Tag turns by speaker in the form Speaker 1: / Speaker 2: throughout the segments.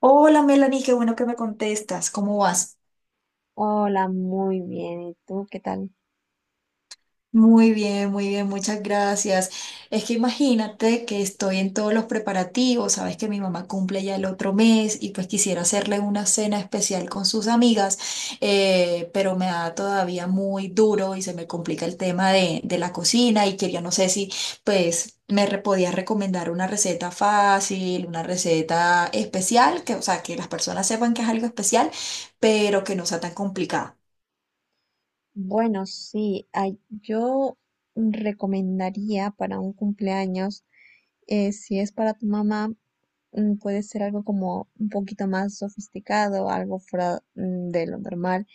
Speaker 1: Hola Melanie, qué bueno que me contestas. ¿Cómo vas?
Speaker 2: Hola, muy bien. ¿Y tú qué tal?
Speaker 1: Muy bien, muchas gracias. Es que imagínate que estoy en todos los preparativos, sabes que mi mamá cumple ya el otro mes y pues quisiera hacerle una cena especial con sus amigas, pero me da todavía muy duro y se me complica el tema de la cocina y quería, no sé si pues podías recomendar una receta fácil, una receta especial, que o sea, que las personas sepan que es algo especial, pero que no sea tan complicada.
Speaker 2: Bueno, sí, yo recomendaría para un cumpleaños, si es para tu mamá, puede ser algo como un poquito más sofisticado, algo fuera de lo normal.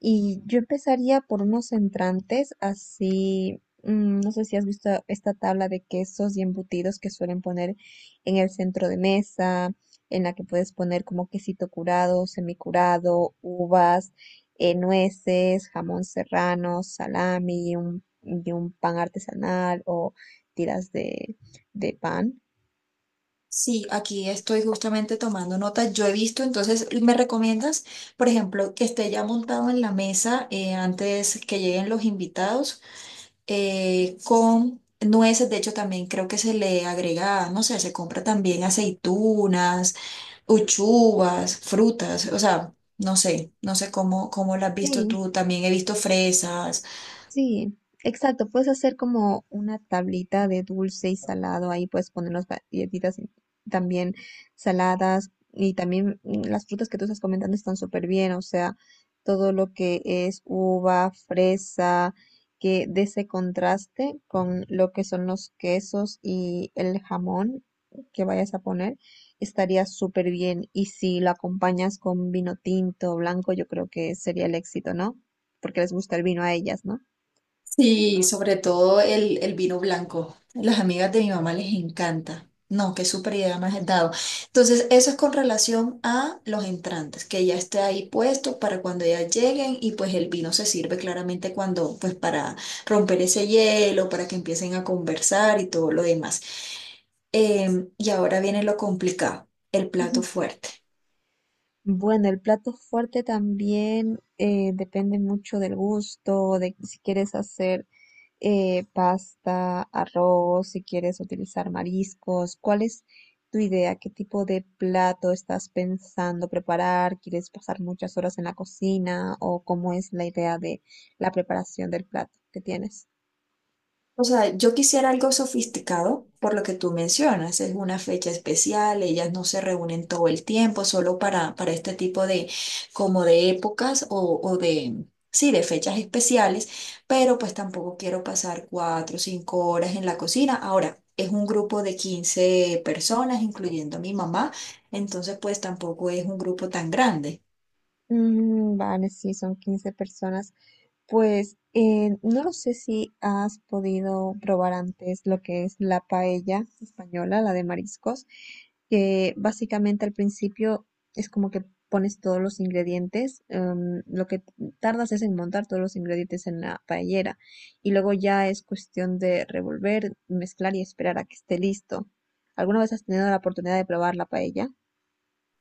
Speaker 2: Y yo empezaría por unos entrantes, así, no sé si has visto esta tabla de quesos y embutidos que suelen poner en el centro de mesa, en la que puedes poner como quesito curado, semicurado, uvas, nueces, jamón serrano, salami y un pan artesanal o tiras de pan.
Speaker 1: Sí, aquí estoy justamente tomando notas. Yo he visto, entonces, ¿me recomiendas, por ejemplo, que esté ya montado en la mesa antes que lleguen los invitados con nueces? De hecho, también creo que se le agrega, no sé, se compra también aceitunas, uchuvas, frutas, o sea, no sé, no sé cómo, cómo las has visto
Speaker 2: sí
Speaker 1: tú. También he visto fresas.
Speaker 2: Sí, exacto. Puedes hacer como una tablita de dulce y salado. Ahí puedes poner las galletitas y también saladas y también, las frutas que tú estás comentando están súper bien. O sea, todo lo que es uva, fresa, que de ese contraste con lo que son los quesos y el jamón que vayas a poner, estaría súper bien. Y si lo acompañas con vino tinto o blanco, yo creo que sería el éxito, ¿no? Porque les gusta el vino a ellas, ¿no?
Speaker 1: Sí, sobre todo el vino blanco. Las amigas de mi mamá les encanta. No, qué super idea me has dado. Entonces, eso es con relación a los entrantes, que ya esté ahí puesto para cuando ellas lleguen y pues el vino se sirve claramente cuando, pues para romper ese hielo, para que empiecen a conversar y todo lo demás. Y ahora viene lo complicado, el
Speaker 2: Ujú.
Speaker 1: plato fuerte.
Speaker 2: Bueno, el plato fuerte también, depende mucho del gusto, de si quieres hacer, pasta, arroz, si quieres utilizar mariscos. ¿Cuál es tu idea? ¿Qué tipo de plato estás pensando preparar? ¿Quieres pasar muchas horas en la cocina? ¿O cómo es la idea de la preparación del plato que tienes?
Speaker 1: O sea, yo quisiera algo sofisticado por lo que tú mencionas. Es una fecha especial, ellas no se reúnen todo el tiempo, solo para este tipo de, como de épocas o de, sí, de fechas especiales, pero pues tampoco quiero pasar 4 o 5 horas en la cocina. Ahora, es un grupo de 15 personas, incluyendo a mi mamá, entonces pues tampoco es un grupo tan grande.
Speaker 2: Vale, sí, son 15 personas. Pues, no lo sé si has podido probar antes lo que es la paella española, la de mariscos, que básicamente al principio es como que pones todos los ingredientes, lo que tardas es en montar todos los ingredientes en la paellera y luego ya es cuestión de revolver, mezclar y esperar a que esté listo. ¿Alguna vez has tenido la oportunidad de probar la paella?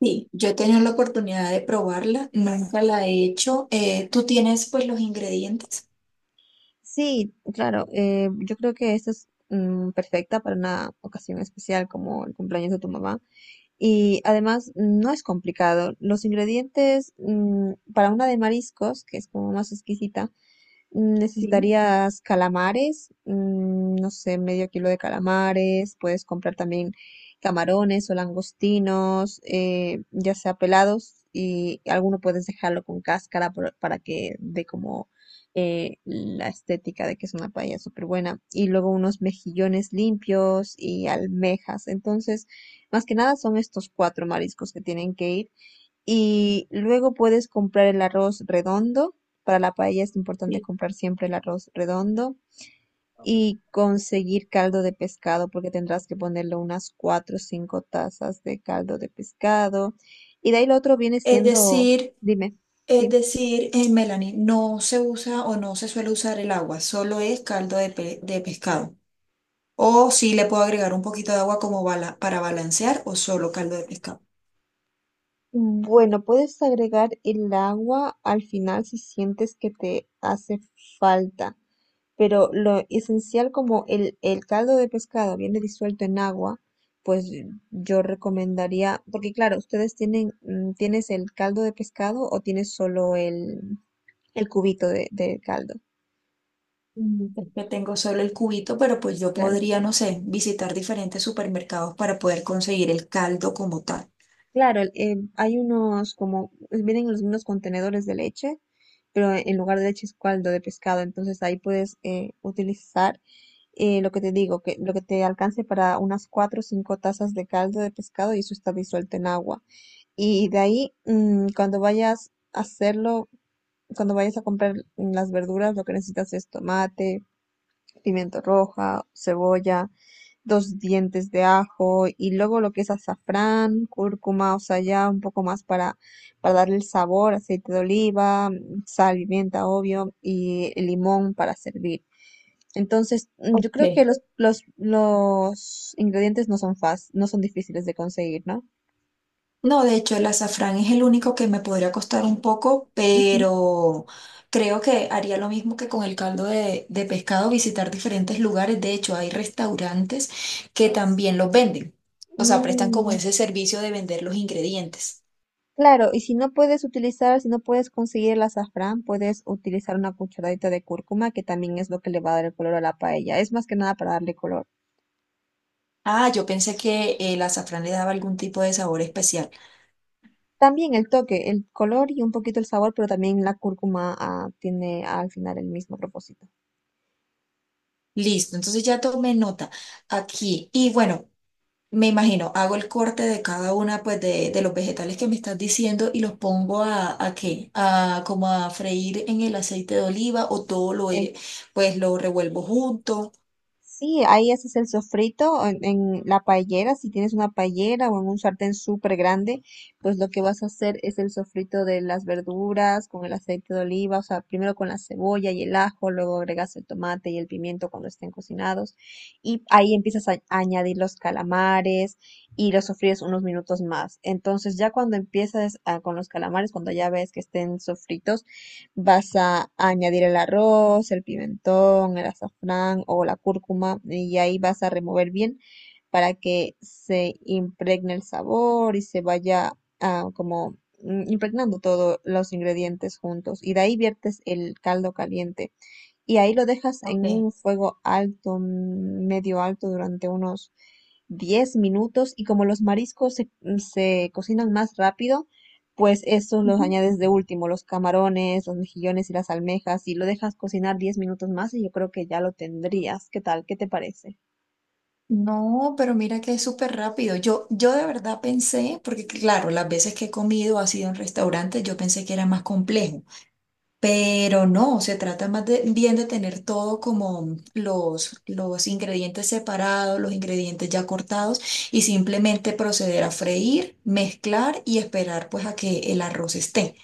Speaker 1: Sí, yo he tenido la oportunidad de probarla, nunca la he hecho. ¿Tú tienes pues los ingredientes?
Speaker 2: Sí, claro. Yo creo que esto es, perfecta para una ocasión especial como el cumpleaños de tu mamá. Y además no es complicado. Los ingredientes, para una de mariscos, que es como más exquisita,
Speaker 1: Sí.
Speaker 2: necesitarías calamares, no sé, medio kilo de calamares. Puedes comprar también camarones o langostinos, ya sea pelados, y alguno puedes dejarlo con cáscara para que dé como, la estética de que es una paella súper buena. Y luego unos mejillones limpios y almejas. Entonces, más que nada son estos cuatro mariscos que tienen que ir. Y luego puedes comprar el arroz redondo. Para la paella es importante
Speaker 1: Sí.
Speaker 2: comprar siempre el arroz redondo y conseguir caldo de pescado porque tendrás que ponerle unas 4 o 5 tazas de caldo de pescado. Y de ahí lo otro viene
Speaker 1: Es
Speaker 2: siendo,
Speaker 1: decir,
Speaker 2: dime,
Speaker 1: es
Speaker 2: sí.
Speaker 1: decir, Melanie, no se usa o no se suele usar el agua, solo es caldo de, de pescado. O si le puedo agregar un poquito de agua como para balancear o solo caldo de pescado.
Speaker 2: Bueno, puedes agregar el agua al final si sientes que te hace falta, pero lo esencial, como el caldo de pescado viene disuelto en agua, pues yo recomendaría, porque claro, ustedes tienen, ¿tienes el caldo de pescado o tienes solo el cubito de caldo?
Speaker 1: Mm, es que tengo solo el cubito, pero pues yo
Speaker 2: Claro,
Speaker 1: podría, no sé, visitar diferentes supermercados para poder conseguir el caldo como tal.
Speaker 2: claro, hay unos como, pues, vienen en los mismos contenedores de leche, pero en lugar de leche es caldo de pescado, entonces ahí puedes, utilizar, lo que te digo, que lo que te alcance para unas 4 o 5 tazas de caldo de pescado y eso está disuelto en agua. Y de ahí, cuando vayas a hacerlo, cuando vayas a comprar las verduras, lo que necesitas es tomate, pimiento roja, cebolla, dos dientes de ajo y luego lo que es azafrán, cúrcuma, o sea, ya un poco más para darle el sabor, aceite de oliva, sal, pimienta, obvio, y el limón para servir. Entonces, yo creo que
Speaker 1: Ok.
Speaker 2: los ingredientes no son fáciles, no son difíciles de conseguir, ¿no?
Speaker 1: No, de hecho, el azafrán es el único que me podría costar un poco,
Speaker 2: Ujú.
Speaker 1: pero creo que haría lo mismo que con el caldo de pescado, visitar diferentes lugares. De hecho, hay restaurantes que también los venden, o sea, prestan como
Speaker 2: Mm.
Speaker 1: ese servicio de vender los ingredientes.
Speaker 2: Claro, y si no puedes utilizar, si no puedes conseguir el azafrán, puedes utilizar una cucharadita de cúrcuma, que también es lo que le va a dar el color a la paella. Es más que nada para darle color.
Speaker 1: Ah, yo pensé que el azafrán le daba algún tipo de sabor especial.
Speaker 2: También el toque, el color y un poquito el sabor, pero también la cúrcuma, ah, tiene al final el mismo propósito.
Speaker 1: Listo, entonces ya tomé nota aquí. Y bueno. Me imagino, hago el corte de cada una pues de los vegetales que me estás diciendo y los pongo a qué, a como a freír en el aceite de oliva o todo lo pues lo revuelvo junto.
Speaker 2: Sí, ahí haces el sofrito en la paellera, si tienes una paellera o en un sartén súper grande, pues lo que vas a hacer es el sofrito de las verduras con el aceite de oliva, o sea, primero con la cebolla y el ajo, luego agregas el tomate y el pimiento cuando estén cocinados y ahí empiezas a añadir los calamares y los sofríes unos minutos más. Entonces ya cuando empiezas con los calamares, cuando ya ves que estén sofritos, vas a añadir el arroz, el pimentón, el azafrán o la cúrcuma y ahí vas a remover bien para que se impregne el sabor y se vaya, como, impregnando todos los ingredientes juntos. Y de ahí viertes el caldo caliente y ahí lo dejas en
Speaker 1: Ok.
Speaker 2: un fuego alto, medio alto, durante unos 10 minutos y como los mariscos se cocinan más rápido, pues estos los
Speaker 1: Ujú.
Speaker 2: añades de último, los camarones, los mejillones y las almejas y lo dejas cocinar 10 minutos más y yo creo que ya lo tendrías. ¿Qué tal? ¿Qué te parece?
Speaker 1: No, pero mira que es súper rápido. Yo de verdad pensé, porque claro, las veces que he comido ha sido en restaurantes, yo pensé que era más complejo. Pero no, se trata más bien de tener todo como los ingredientes separados, los ingredientes ya cortados y simplemente proceder a freír, mezclar y esperar pues a que el arroz esté.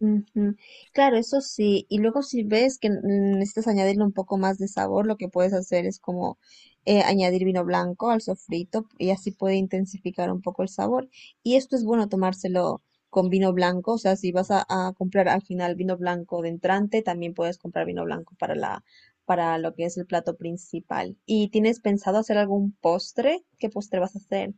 Speaker 2: Ujú. Claro, eso sí. Y luego si ves que, necesitas añadirle un poco más de sabor, lo que puedes hacer es como, añadir vino blanco al sofrito y así puede intensificar un poco el sabor. Y esto es bueno tomárselo con vino blanco. O sea, si vas a comprar al final vino blanco de entrante, también puedes comprar vino blanco para la, para lo que es el plato principal. ¿Y tienes pensado hacer algún postre? ¿Qué postre vas a hacer?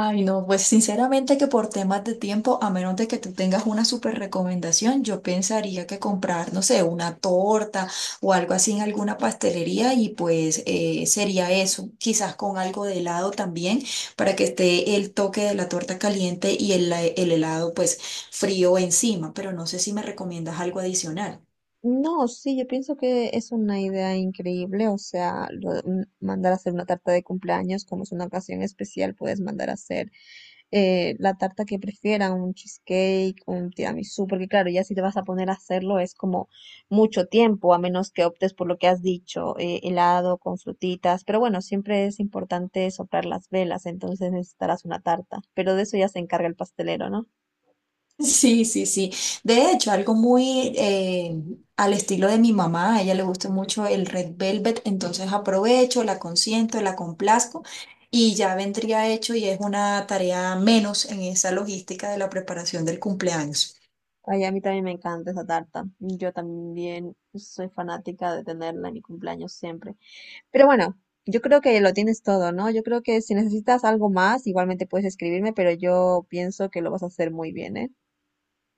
Speaker 1: Ay, no, pues sinceramente que por temas de tiempo, a menos de que tú tengas una súper recomendación, yo pensaría que comprar, no sé, una torta o algo así en alguna pastelería y pues sería eso, quizás con algo de helado también, para que esté el toque de la torta caliente y el helado pues frío encima, pero no sé si me recomiendas algo adicional.
Speaker 2: No, sí, yo pienso que es una idea increíble, o sea, lo de mandar a hacer una tarta de cumpleaños, como es una ocasión especial, puedes mandar a hacer, la tarta que prefieran, un cheesecake, un tiramisú, porque claro, ya si te vas a poner a hacerlo es como mucho tiempo, a menos que optes por lo que has dicho, helado con frutitas, pero bueno, siempre es importante soplar las velas, entonces necesitarás una tarta, pero de eso ya se encarga el pastelero, ¿no?
Speaker 1: Sí, sí, sí. De hecho, algo muy al estilo de mi mamá, a ella le gusta mucho el Red Velvet, entonces aprovecho, la consiento, la complazco y ya vendría hecho y es una tarea menos en esa logística de la preparación del cumpleaños.
Speaker 2: Ay, a mí también me encanta esa tarta. Yo también soy fanática de tenerla en mi cumpleaños siempre. Pero bueno, yo creo que lo tienes todo, ¿no? Yo creo que si necesitas algo más, igualmente puedes escribirme, pero yo pienso que lo vas a hacer muy bien, ¿eh?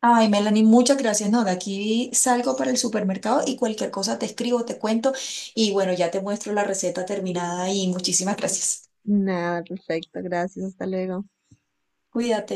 Speaker 1: Ay, Melanie, muchas gracias. No, de aquí salgo para el supermercado y cualquier cosa te escribo, te cuento y bueno, ya te muestro la receta terminada y muchísimas gracias.
Speaker 2: Nada, perfecto. Gracias. Hasta luego.
Speaker 1: Cuídate.